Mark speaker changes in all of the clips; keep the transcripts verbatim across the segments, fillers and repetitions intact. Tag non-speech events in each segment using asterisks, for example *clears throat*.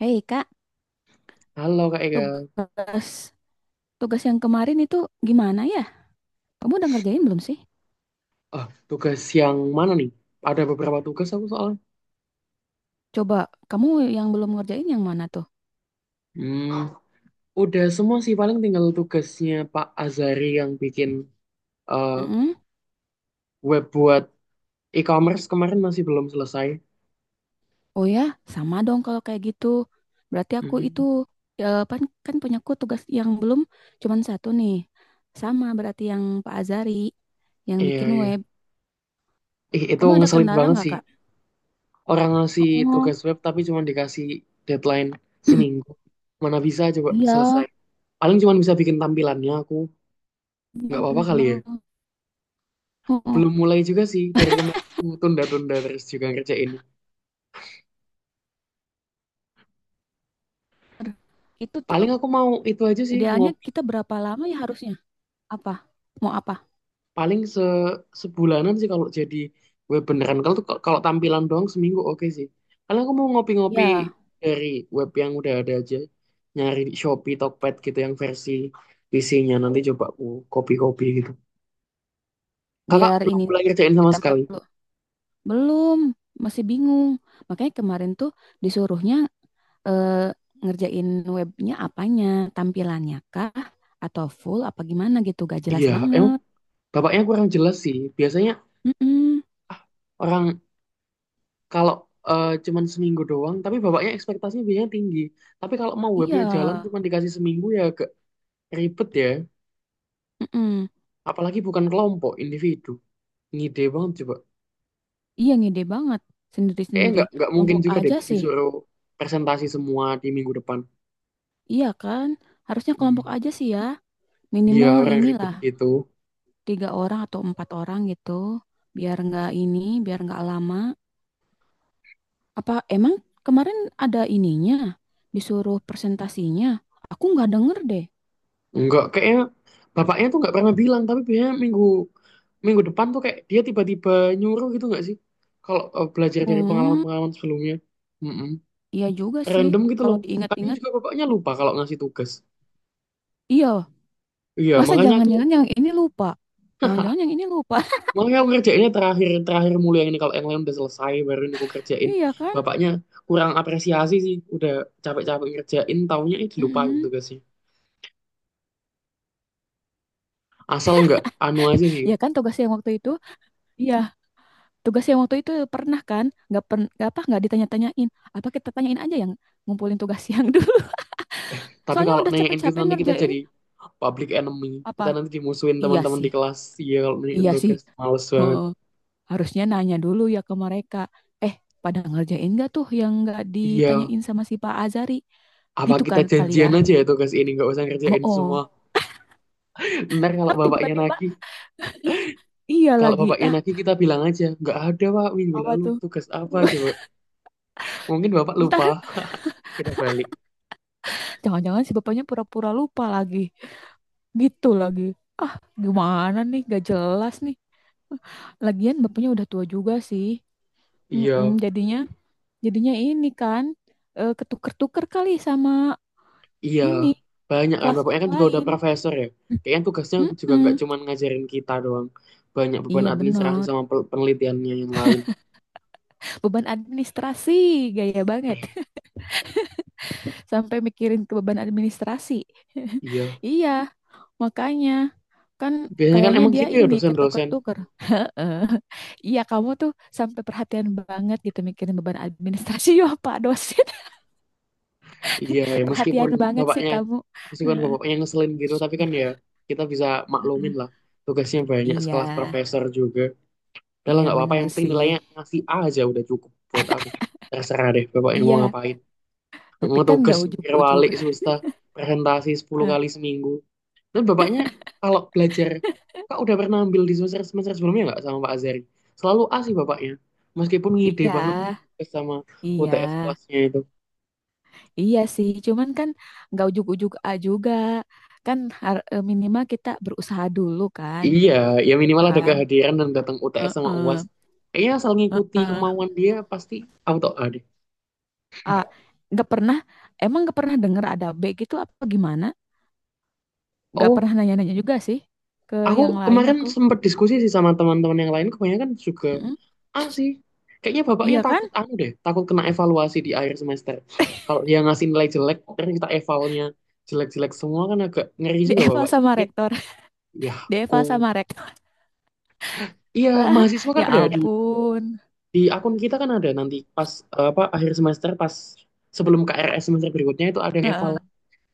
Speaker 1: Hei Kak,
Speaker 2: Halo Kak Ega.
Speaker 1: tugas tugas yang kemarin itu gimana ya? Kamu udah ngerjain belum sih?
Speaker 2: Oh, tugas yang mana nih? Ada beberapa tugas aku soalnya.
Speaker 1: Coba kamu yang belum ngerjain yang mana tuh?
Speaker 2: Hmm, udah semua sih paling tinggal tugasnya Pak Azari yang bikin eh,
Speaker 1: Mm-mm.
Speaker 2: web buat e-commerce kemarin masih belum selesai.
Speaker 1: Oh ya, sama dong kalau kayak gitu. Berarti aku itu
Speaker 2: Mhm.
Speaker 1: ya, pan- kan punya aku tugas yang belum cuman satu nih. Sama berarti yang Pak Azari yang
Speaker 2: Iya,
Speaker 1: bikin
Speaker 2: iya.
Speaker 1: web.
Speaker 2: Ih, itu
Speaker 1: Kamu ada
Speaker 2: ngeselin
Speaker 1: kendala
Speaker 2: banget
Speaker 1: nggak
Speaker 2: sih.
Speaker 1: Kak?
Speaker 2: Orang ngasih
Speaker 1: Oh,
Speaker 2: tugas web tapi cuma dikasih deadline
Speaker 1: *clears throat*
Speaker 2: seminggu. Mana bisa coba
Speaker 1: iya,
Speaker 2: selesai. Paling cuma bisa bikin tampilannya aku.
Speaker 1: iya
Speaker 2: Nggak apa-apa
Speaker 1: bener
Speaker 2: kali ya.
Speaker 1: banget. Oh, oh.
Speaker 2: Belum mulai juga sih, dari kemarin aku tunda-tunda terus juga ngerjainnya.
Speaker 1: Itu
Speaker 2: Paling
Speaker 1: tuh
Speaker 2: aku mau itu aja sih,
Speaker 1: idealnya
Speaker 2: ngopi
Speaker 1: kita berapa lama ya harusnya? Apa? Mau apa?
Speaker 2: paling se sebulanan sih kalau jadi web beneran. Kalau tuh kalau tampilan doang seminggu oke sih. Paling aku mau ngopi-ngopi
Speaker 1: Ya,
Speaker 2: dari web yang udah ada aja. Nyari di Shopee, Tokped gitu yang versi P C-nya, nanti coba aku copy-copy gitu. Kakak
Speaker 1: biar
Speaker 2: belum
Speaker 1: ini
Speaker 2: mulai kerjain sama
Speaker 1: ditempel
Speaker 2: sekali.
Speaker 1: dulu. Belum, masih bingung. Makanya kemarin tuh disuruhnya eh, ngerjain webnya apanya, tampilannya kah, atau full apa gimana gitu, gak jelas
Speaker 2: Iya, emang
Speaker 1: banget.
Speaker 2: bapaknya kurang jelas sih. Biasanya
Speaker 1: Mm-mm.
Speaker 2: ah, orang kalau eh, cuman seminggu doang, tapi bapaknya ekspektasinya biasanya tinggi. Tapi kalau mau
Speaker 1: Iya,
Speaker 2: webnya jalan cuma dikasih seminggu ya agak ribet ya.
Speaker 1: mm-mm.
Speaker 2: Apalagi bukan kelompok, individu, ngide banget coba.
Speaker 1: Iya ngide banget,
Speaker 2: Kayaknya
Speaker 1: sendiri-sendiri.
Speaker 2: nggak nggak mungkin
Speaker 1: Kelompok
Speaker 2: juga deh
Speaker 1: aja sih,
Speaker 2: disuruh presentasi semua di minggu depan.
Speaker 1: iya kan? Harusnya kelompok
Speaker 2: Hmm.
Speaker 1: aja sih ya,
Speaker 2: Ya,
Speaker 1: minimal
Speaker 2: orang ribet
Speaker 1: inilah
Speaker 2: gitu.
Speaker 1: tiga orang atau empat orang gitu, biar nggak ini, biar nggak lama. Apa emang kemarin ada ininya? Disuruh presentasinya? Aku nggak denger deh.
Speaker 2: Nggak, kayaknya bapaknya tuh nggak pernah bilang, tapi biasanya minggu minggu depan tuh kayak dia tiba-tiba nyuruh, gitu nggak sih? Kalau eh, belajar dari
Speaker 1: Hmm,
Speaker 2: pengalaman-pengalaman sebelumnya. Mm-mm.
Speaker 1: iya juga sih.
Speaker 2: Random gitu
Speaker 1: Kalau
Speaker 2: loh. Kayaknya
Speaker 1: diingat-ingat,
Speaker 2: juga bapaknya lupa kalau ngasih tugas.
Speaker 1: iya.
Speaker 2: Iya.
Speaker 1: Masa
Speaker 2: makanya aku
Speaker 1: jangan-jangan yang ini lupa? Jangan-jangan yang ini lupa. *laughs*
Speaker 2: Makanya aku kerjainnya terakhir terakhir mulu yang ini, kalau yang lain udah selesai baru ini aku kerjain.
Speaker 1: Iya kan?
Speaker 2: Bapaknya kurang apresiasi sih, udah capek-capek ngerjain, taunya eh dilupain
Speaker 1: Mm-mm.
Speaker 2: tugasnya. Asal nggak anu aja sih.
Speaker 1: Iya kan tugas yang waktu itu? Iya, tugas yang waktu itu pernah kan? Nggak per nggak apa nggak ditanya-tanyain. Apa kita tanyain aja yang ngumpulin tugas yang dulu? *laughs*
Speaker 2: Tapi
Speaker 1: Soalnya
Speaker 2: kalau
Speaker 1: udah
Speaker 2: nanyain kita
Speaker 1: capek-capek
Speaker 2: nanti kita
Speaker 1: ngerjain
Speaker 2: jadi public enemy. Kita
Speaker 1: apa?
Speaker 2: nanti dimusuhin
Speaker 1: Iya
Speaker 2: teman-teman di
Speaker 1: sih.
Speaker 2: kelas. Iya, kalau nanyain
Speaker 1: Iya sih.
Speaker 2: tugas, males banget.
Speaker 1: Oh. Harusnya nanya dulu ya ke mereka eh pada ngerjain nggak tuh yang nggak
Speaker 2: Iya,
Speaker 1: ditanyain sama si Pak Azari
Speaker 2: apa
Speaker 1: gitu
Speaker 2: kita
Speaker 1: kan kali ya.
Speaker 2: janjian aja ya, tugas ini nggak usah
Speaker 1: Oh,
Speaker 2: ngerjain semua.
Speaker 1: oh,
Speaker 2: Ntar kalau
Speaker 1: ntar
Speaker 2: bapaknya
Speaker 1: tiba-tiba
Speaker 2: nagih,
Speaker 1: iya
Speaker 2: kalau
Speaker 1: lagi
Speaker 2: bapaknya
Speaker 1: ah
Speaker 2: nagih kita bilang aja nggak ada pak, minggu
Speaker 1: apa
Speaker 2: lalu
Speaker 1: tuh.
Speaker 2: tugas apa coba.
Speaker 1: *laughs*
Speaker 2: Mungkin bapak
Speaker 1: Ntar
Speaker 2: lupa, kita balik.
Speaker 1: jangan-jangan si bapaknya pura-pura lupa lagi gitu lagi ah gimana nih gak jelas nih lagian bapaknya udah tua juga sih.
Speaker 2: Iya,
Speaker 1: Mm-mm, jadinya jadinya ini kan eh, ketuker-tuker kali sama
Speaker 2: iya.
Speaker 1: ini
Speaker 2: Banyak kan,
Speaker 1: kelas
Speaker 2: bapaknya
Speaker 1: yang
Speaker 2: kan juga udah
Speaker 1: lain.
Speaker 2: profesor ya. Kayaknya tugasnya juga nggak
Speaker 1: Mm-mm.
Speaker 2: cuma ngajarin kita doang. Banyak beban
Speaker 1: Iya
Speaker 2: administrasi
Speaker 1: bener.
Speaker 2: sama pel- penelitiannya yang lain.
Speaker 1: Beban administrasi, gaya banget.
Speaker 2: Eh,
Speaker 1: *laughs* Sampai mikirin ke beban administrasi. *laughs*
Speaker 2: iya.
Speaker 1: Iya, makanya kan
Speaker 2: Biasanya kan
Speaker 1: kayaknya
Speaker 2: emang
Speaker 1: dia
Speaker 2: gitu ya
Speaker 1: ini
Speaker 2: dosen-dosen.
Speaker 1: ketuker-tuker. Heeh. *laughs* Iya, kamu tuh sampai perhatian banget gitu mikirin beban administrasi. *laughs* Ya, Pak dosen,
Speaker 2: Iya, ya
Speaker 1: *laughs*
Speaker 2: meskipun
Speaker 1: perhatian banget sih
Speaker 2: bapaknya,
Speaker 1: kamu.
Speaker 2: meskipun
Speaker 1: Heeh.
Speaker 2: bapaknya ngeselin gitu, tapi kan ya kita bisa maklumin
Speaker 1: Heeh.
Speaker 2: lah. Tugasnya banyak, sekelas
Speaker 1: Iya,
Speaker 2: profesor juga. Udah lah
Speaker 1: iya
Speaker 2: nggak apa-apa,
Speaker 1: bener
Speaker 2: yang penting
Speaker 1: sih.
Speaker 2: nilainya ngasih A aja udah cukup buat aku. Terserah deh bapaknya mau
Speaker 1: Iya,
Speaker 2: ngapain. *laughs*
Speaker 1: tapi
Speaker 2: Mau
Speaker 1: kan
Speaker 2: tugas,
Speaker 1: nggak
Speaker 2: mikir
Speaker 1: ujuk-ujuk.
Speaker 2: walik, susah presentasi sepuluh kali seminggu. Dan bapaknya kalau belajar, Kak udah pernah ambil di semester semester sebelumnya nggak sama Pak Azari? Selalu A sih bapaknya, meskipun
Speaker 1: *laughs*
Speaker 2: ngide
Speaker 1: Iya,
Speaker 2: banget sama U T S
Speaker 1: iya.
Speaker 2: UASnya itu.
Speaker 1: Iya sih, cuman kan nggak ujuk-ujuk A juga. Kan har- eh, minimal kita berusaha dulu kan.
Speaker 2: Iya, ya minimal ada
Speaker 1: Kan?
Speaker 2: kehadiran dan datang U T S sama U A S.
Speaker 1: Heeh,
Speaker 2: Kayaknya asal ngikuti
Speaker 1: heeh.
Speaker 2: kemauan dia pasti auto A deh.
Speaker 1: A, nggak pernah, emang nggak pernah denger ada B gitu apa gimana? Nggak
Speaker 2: Oh,
Speaker 1: pernah nanya-nanya juga sih ke
Speaker 2: aku
Speaker 1: yang lain
Speaker 2: kemarin
Speaker 1: aku.
Speaker 2: sempat diskusi sih sama teman-teman yang lain, kebanyakan juga
Speaker 1: Heeh.
Speaker 2: Ah sih, kayaknya bapaknya
Speaker 1: Iya kan?
Speaker 2: takut anu deh, takut kena evaluasi di akhir semester. Kalau dia ngasih nilai jelek, terus kita evalnya jelek-jelek semua kan agak ngeri
Speaker 1: *laughs*
Speaker 2: juga
Speaker 1: Dieval
Speaker 2: bapaknya.
Speaker 1: sama
Speaker 2: Mungkin
Speaker 1: rektor.
Speaker 2: ya
Speaker 1: *laughs* Dieval
Speaker 2: aku,
Speaker 1: sama rektor.
Speaker 2: iya
Speaker 1: *laughs* Lah,
Speaker 2: mahasiswa kan
Speaker 1: ya
Speaker 2: ada di,
Speaker 1: ampun.
Speaker 2: di akun kita kan ada nanti pas eh, apa akhir semester, pas sebelum K R S semester berikutnya itu ada yang eval
Speaker 1: Heeh.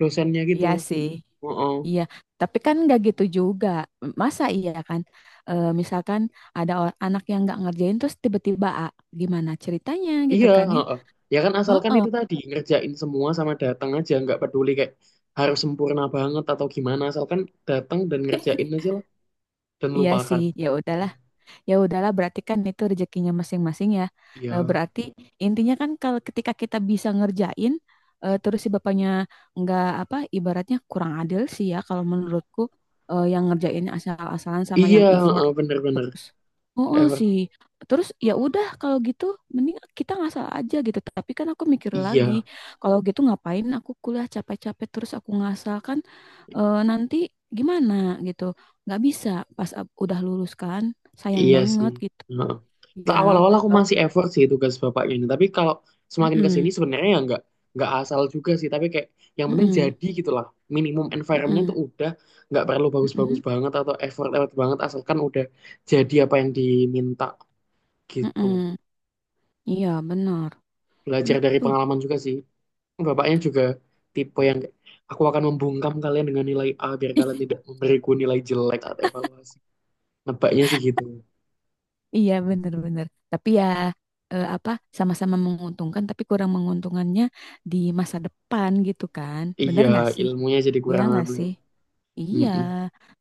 Speaker 2: dosennya gitu.
Speaker 1: Iya sih.
Speaker 2: Heeh.
Speaker 1: Iya, tapi kan nggak gitu juga. Masa iya kan? Eh, misalkan ada or- anak yang nggak ngerjain terus tiba-tiba "Ah, gimana ceritanya gitu
Speaker 2: Iya,
Speaker 1: kan ya?
Speaker 2: heeh. Ya kan asalkan
Speaker 1: Heeh.
Speaker 2: itu tadi ngerjain semua sama datang aja, nggak peduli kayak harus sempurna banget atau gimana, asalkan datang dan ngerjain aja lah dan
Speaker 1: Iya
Speaker 2: lupakan.
Speaker 1: sih. Ya udah ya udahlah berarti kan itu rezekinya masing-masing ya. Eh,
Speaker 2: Iya,
Speaker 1: berarti intinya kan kalau ketika kita bisa ngerjain eh, terus si bapaknya nggak apa ibaratnya kurang adil sih ya kalau menurutku eh, yang ngerjain asal-asalan sama
Speaker 2: iya,
Speaker 1: yang effort
Speaker 2: heeh, bener-bener
Speaker 1: terus oh, oh,
Speaker 2: effort.
Speaker 1: sih terus ya udah kalau gitu mending kita ngasal aja gitu tapi kan aku mikir lagi
Speaker 2: Iya,
Speaker 1: kalau gitu ngapain aku kuliah capek-capek terus aku ngasal kan eh, nanti gimana gitu nggak bisa pas ab- udah lulus kan sayang
Speaker 2: iya sih.
Speaker 1: banget gitu
Speaker 2: Heeh. Nah,
Speaker 1: ya
Speaker 2: awal-awal aku
Speaker 1: kalau.
Speaker 2: masih effort sih tugas bapaknya ini, tapi kalau semakin ke sini
Speaker 1: Mm-mm,
Speaker 2: sebenarnya ya nggak nggak asal juga sih, tapi kayak yang penting
Speaker 1: mm-mm,
Speaker 2: jadi gitulah. Minimum environment
Speaker 1: mm-mm,
Speaker 2: tuh udah nggak perlu bagus-bagus
Speaker 1: mm-mm,
Speaker 2: banget atau effort-effort banget asalkan udah jadi apa yang diminta gitu.
Speaker 1: mm-mm. Iya benar
Speaker 2: Belajar dari
Speaker 1: gitu.
Speaker 2: pengalaman juga sih. Bapaknya juga tipe yang kayak, aku akan membungkam kalian dengan nilai A biar kalian tidak memberiku nilai jelek atau evaluasi. Nebaknya sih gitu.
Speaker 1: Iya benar benar. Tapi ya eh, apa sama-sama menguntungkan tapi kurang menguntungkannya di masa depan gitu kan. Benar
Speaker 2: Iya,
Speaker 1: nggak sih?
Speaker 2: ilmunya jadi
Speaker 1: Iya
Speaker 2: kurang
Speaker 1: nggak
Speaker 2: anu ya.
Speaker 1: sih? Iya,
Speaker 2: Mm-mm.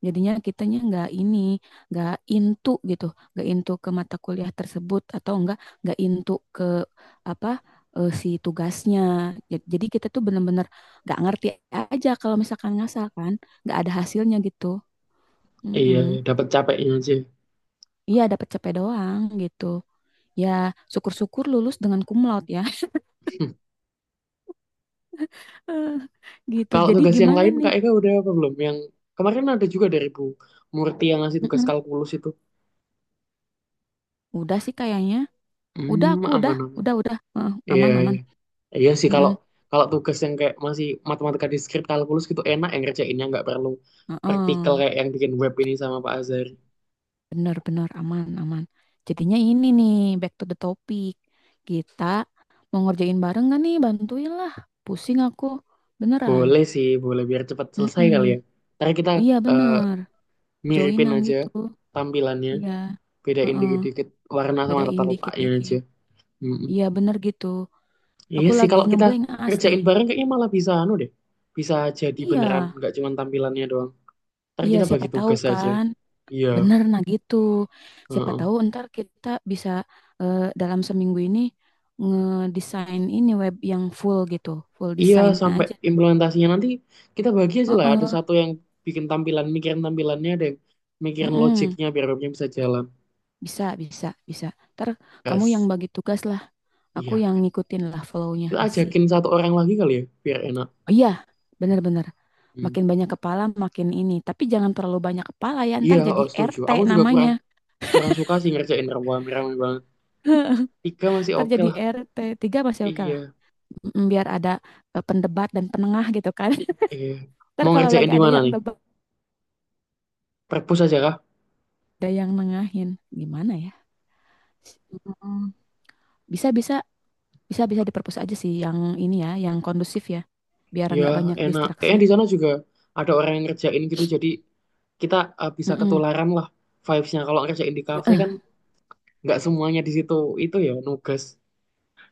Speaker 1: jadinya kitanya nggak ini, nggak into gitu, nggak into ke mata kuliah tersebut atau enggak nggak into ke apa eh, si tugasnya. Ja- Jadi kita tuh bener-bener nggak ngerti aja kalau misalkan ngasal kan, nggak ada hasilnya gitu.
Speaker 2: Iya,
Speaker 1: Mm-mm.
Speaker 2: iya, dapat capeknya aja.
Speaker 1: Iya, dapat capek doang gitu. Ya, syukur-syukur lulus dengan cum laude ya. *laughs* Eh, gitu.
Speaker 2: Kalau
Speaker 1: Jadi
Speaker 2: tugas yang
Speaker 1: gimana
Speaker 2: lain Kak
Speaker 1: nih?
Speaker 2: Ega udah apa belum? Yang kemarin ada juga dari Bu Murti yang ngasih tugas
Speaker 1: Mm-mm.
Speaker 2: kalkulus itu.
Speaker 1: Udah sih kayaknya. Udah
Speaker 2: Hmm,
Speaker 1: aku udah,
Speaker 2: aman aman.
Speaker 1: udah udah. Eh,
Speaker 2: Iya,
Speaker 1: aman aman.
Speaker 2: iya. Iya sih kalau
Speaker 1: Mm-mm.
Speaker 2: kalau tugas yang kayak masih matematika diskrit kalkulus gitu enak yang ngerjainnya nggak perlu praktikal
Speaker 1: Heeh.
Speaker 2: kayak yang bikin web ini sama Pak Azhar.
Speaker 1: Benar-benar aman-aman. Jadinya ini nih, back to the topic. Kita mau ngerjain bareng gak nih? Bantuin lah. Pusing aku. Beneran.
Speaker 2: Boleh sih, boleh biar cepat selesai kali ya.
Speaker 1: Mm-mm.
Speaker 2: Ntar kita
Speaker 1: Iya
Speaker 2: eh,
Speaker 1: bener.
Speaker 2: miripin
Speaker 1: Joinan
Speaker 2: aja
Speaker 1: gitu.
Speaker 2: tampilannya.
Speaker 1: Iya.
Speaker 2: Bedain
Speaker 1: Heeh.
Speaker 2: dikit-dikit warna sama
Speaker 1: Bedain
Speaker 2: letak-letaknya aja.
Speaker 1: dikit-dikit.
Speaker 2: Mm-mm.
Speaker 1: Iya bener gitu.
Speaker 2: Iya
Speaker 1: Aku
Speaker 2: sih
Speaker 1: lagi
Speaker 2: kalau kita
Speaker 1: ngeblank asli.
Speaker 2: ngerjain bareng kayaknya malah bisa anu deh. Bisa jadi beneran
Speaker 1: Iya.
Speaker 2: nggak cuma tampilannya doang. Ntar
Speaker 1: Iya
Speaker 2: kita
Speaker 1: siapa
Speaker 2: bagi
Speaker 1: tahu
Speaker 2: tugas aja.
Speaker 1: kan.
Speaker 2: Iya.
Speaker 1: Bener, nah gitu. Siapa
Speaker 2: Heeh.
Speaker 1: tahu ntar kita bisa eh, dalam seminggu ini ngedesain ini web yang full gitu, full
Speaker 2: Iya,
Speaker 1: desain
Speaker 2: sampai
Speaker 1: aja.
Speaker 2: implementasinya nanti kita bagi aja lah. Ada
Speaker 1: Heeh,
Speaker 2: satu yang bikin tampilan, mikirin tampilannya, ada yang mikirin
Speaker 1: mm-mm.
Speaker 2: logiknya biar webnya bisa jalan.
Speaker 1: Bisa, bisa, bisa. Ntar kamu yang
Speaker 2: Gas.
Speaker 1: bagi tugas lah, aku
Speaker 2: Iya.
Speaker 1: yang ngikutin lah flow-nya
Speaker 2: Kita
Speaker 1: asik.
Speaker 2: ajakin satu orang lagi kali ya biar enak.
Speaker 1: Oh iya, bener-bener.
Speaker 2: Hmm.
Speaker 1: Makin banyak kepala, makin ini. Tapi jangan terlalu banyak kepala ya,
Speaker 2: Iya,
Speaker 1: ntar jadi
Speaker 2: oh, setuju.
Speaker 1: R T
Speaker 2: Aku juga kurang
Speaker 1: namanya.
Speaker 2: kurang suka sih ngerjain rame-rame banget. Tiga masih
Speaker 1: Ntar
Speaker 2: oke
Speaker 1: jadi
Speaker 2: lah.
Speaker 1: R T tiga masih oke lah.
Speaker 2: Iya.
Speaker 1: Mm, Biar ada eh, pendebat dan penengah gitu kan. *laughs*
Speaker 2: Iya.
Speaker 1: Ntar
Speaker 2: Mau
Speaker 1: kalau
Speaker 2: ngerjain
Speaker 1: lagi
Speaker 2: di
Speaker 1: ada
Speaker 2: mana
Speaker 1: yang
Speaker 2: nih?
Speaker 1: debat
Speaker 2: Perpus aja kah?
Speaker 1: ada yang nengahin gimana ya. Mm, bisa bisa bisa bisa diperpus aja sih yang ini ya yang kondusif ya biar
Speaker 2: Ya,
Speaker 1: nggak banyak
Speaker 2: enak.
Speaker 1: distraksi.
Speaker 2: Kayaknya di sana juga ada orang yang ngerjain gitu, jadi kita eh, bisa
Speaker 1: Mm-mm.
Speaker 2: ketularan lah vibes-nya. Kalau ngerjain di kafe kan
Speaker 1: Heeh.
Speaker 2: nggak semuanya di situ. Itu ya, nugas.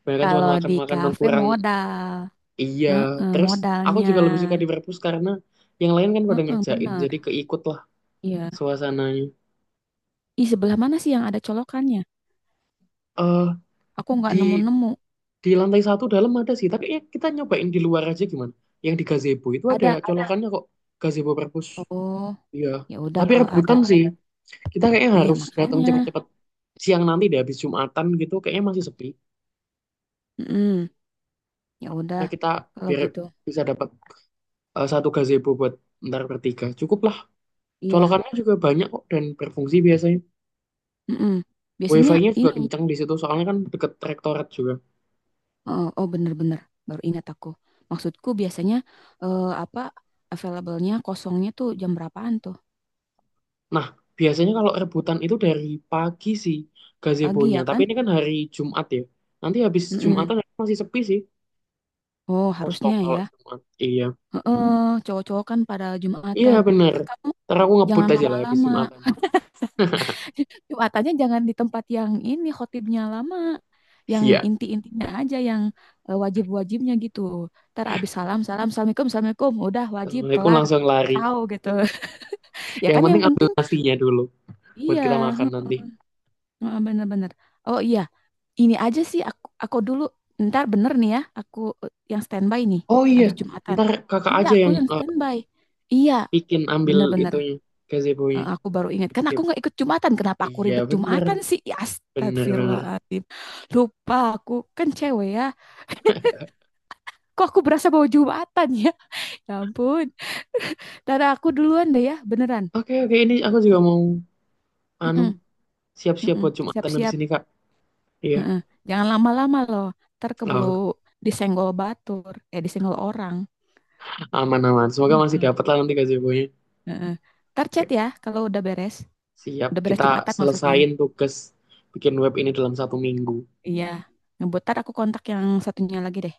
Speaker 2: Banyak cuma
Speaker 1: Kalau di
Speaker 2: makan-makan dan
Speaker 1: kafe
Speaker 2: kurang.
Speaker 1: modal.
Speaker 2: Iya.
Speaker 1: Heeh,
Speaker 2: Terus aku
Speaker 1: modalnya.
Speaker 2: juga lebih suka di perpus karena yang lain kan pada
Speaker 1: Heeh,
Speaker 2: ngerjain,
Speaker 1: benar
Speaker 2: jadi keikut lah
Speaker 1: iya.
Speaker 2: suasananya.
Speaker 1: Ih, sebelah mana sih yang ada colokannya
Speaker 2: eh
Speaker 1: aku nggak
Speaker 2: di
Speaker 1: nemu-nemu
Speaker 2: di lantai satu dalam ada sih, tapi ya kita nyobain di luar aja gimana? Yang di gazebo itu ada.
Speaker 1: ada
Speaker 2: Ada colokannya kok, gazebo perpus.
Speaker 1: oh
Speaker 2: Iya,
Speaker 1: ya udah
Speaker 2: tapi
Speaker 1: kalau ada
Speaker 2: rebutan sih. Kita kayaknya
Speaker 1: iya
Speaker 2: harus datang
Speaker 1: makanya.
Speaker 2: cepet-cepet siang nanti deh habis Jumatan gitu. Kayaknya masih sepi.
Speaker 1: Mm-mm. Ya udah
Speaker 2: Nah kita
Speaker 1: kalau
Speaker 2: biar
Speaker 1: gitu
Speaker 2: bisa dapat eh, satu gazebo buat ntar bertiga. Cukup lah.
Speaker 1: iya.
Speaker 2: Colokannya juga banyak kok dan berfungsi biasanya.
Speaker 1: Mm-mm. Biasanya
Speaker 2: Wifi-nya juga
Speaker 1: ini.
Speaker 2: kencang di situ soalnya kan deket rektorat juga.
Speaker 1: Oh, oh bener-bener baru ingat aku. Maksudku biasanya eh, apa available-nya kosongnya tuh jam berapaan tuh?
Speaker 2: Nah biasanya kalau rebutan itu dari pagi sih
Speaker 1: Pagi
Speaker 2: gazebonya.
Speaker 1: ya
Speaker 2: Tapi
Speaker 1: kan?
Speaker 2: ini kan hari Jumat ya. Nanti habis
Speaker 1: Mm-mm.
Speaker 2: Jumatan masih sepi sih.
Speaker 1: Oh
Speaker 2: Kosong
Speaker 1: harusnya
Speaker 2: kalau
Speaker 1: ya.
Speaker 2: Jumat. Iya,
Speaker 1: Heeh, cowok-cowok kan pada
Speaker 2: iya
Speaker 1: Jumatan.
Speaker 2: bener.
Speaker 1: Terus kamu
Speaker 2: Ntar aku ngebut
Speaker 1: jangan
Speaker 2: aja lah habis
Speaker 1: lama-lama.
Speaker 2: Jumatan.
Speaker 1: *laughs* Jumatannya jangan di tempat yang ini khotibnya lama. Yang
Speaker 2: Iya.
Speaker 1: inti-intinya aja yang eh, wajib-wajibnya gitu. Ntar abis salam, salam, assalamualaikum, assalamualaikum. Udah wajib
Speaker 2: Assalamualaikum
Speaker 1: kelar.
Speaker 2: langsung lari.
Speaker 1: Ciao gitu. *laughs* Ya
Speaker 2: Yang
Speaker 1: kan yang
Speaker 2: penting ambil
Speaker 1: penting
Speaker 2: nasinya dulu buat
Speaker 1: iya,
Speaker 2: kita makan nanti.
Speaker 1: heeh, bener-bener. Oh iya, ini aja sih aku aku dulu ntar bener nih ya, aku eh, yang standby nih
Speaker 2: Oh iya,
Speaker 1: habis Jumatan.
Speaker 2: ntar kakak
Speaker 1: Iya,
Speaker 2: aja
Speaker 1: aku
Speaker 2: yang
Speaker 1: yang
Speaker 2: eh,
Speaker 1: standby. Iya,
Speaker 2: bikin ambil
Speaker 1: bener-bener.
Speaker 2: itunya, gazebo-nya.
Speaker 1: Eh, aku baru ingat kan aku
Speaker 2: Sip.
Speaker 1: nggak ikut Jumatan. Kenapa aku
Speaker 2: Iya
Speaker 1: ribet
Speaker 2: bener,
Speaker 1: Jumatan sih? Ya,
Speaker 2: bener bener.
Speaker 1: Astagfirullahaladzim. Lupa aku kan cewek ya. *laughs* Kok aku berasa bawa Jumatan ya? Ya ampun. Tada aku duluan deh ya, beneran.
Speaker 2: Oke, oke, ini aku juga
Speaker 1: Mm-mm,
Speaker 2: mau anu
Speaker 1: mm-mm,
Speaker 2: siap-siap
Speaker 1: mm-mm.
Speaker 2: buat Jumatan habis
Speaker 1: Siap-siap.
Speaker 2: ini, kak. Iya,
Speaker 1: Mm-mm. Jangan lama-lama loh. Ntar keburu
Speaker 2: oh,
Speaker 1: disenggol batur. Eh, disenggol orang.
Speaker 2: aman aman. Semoga masih dapat lah nanti gazebo-nya.
Speaker 1: Heeh. Ntar chat
Speaker 2: Oke,
Speaker 1: ya kalau udah beres.
Speaker 2: siap.
Speaker 1: Udah beres
Speaker 2: Kita
Speaker 1: Jumatan maksudnya.
Speaker 2: selesain tugas bikin web ini dalam satu minggu.
Speaker 1: Iya. Ngebutar aku kontak yang satunya lagi deh.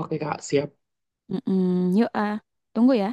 Speaker 2: Oke kak, siap.
Speaker 1: Mm-mm. Yuk, ah. Tunggu ya.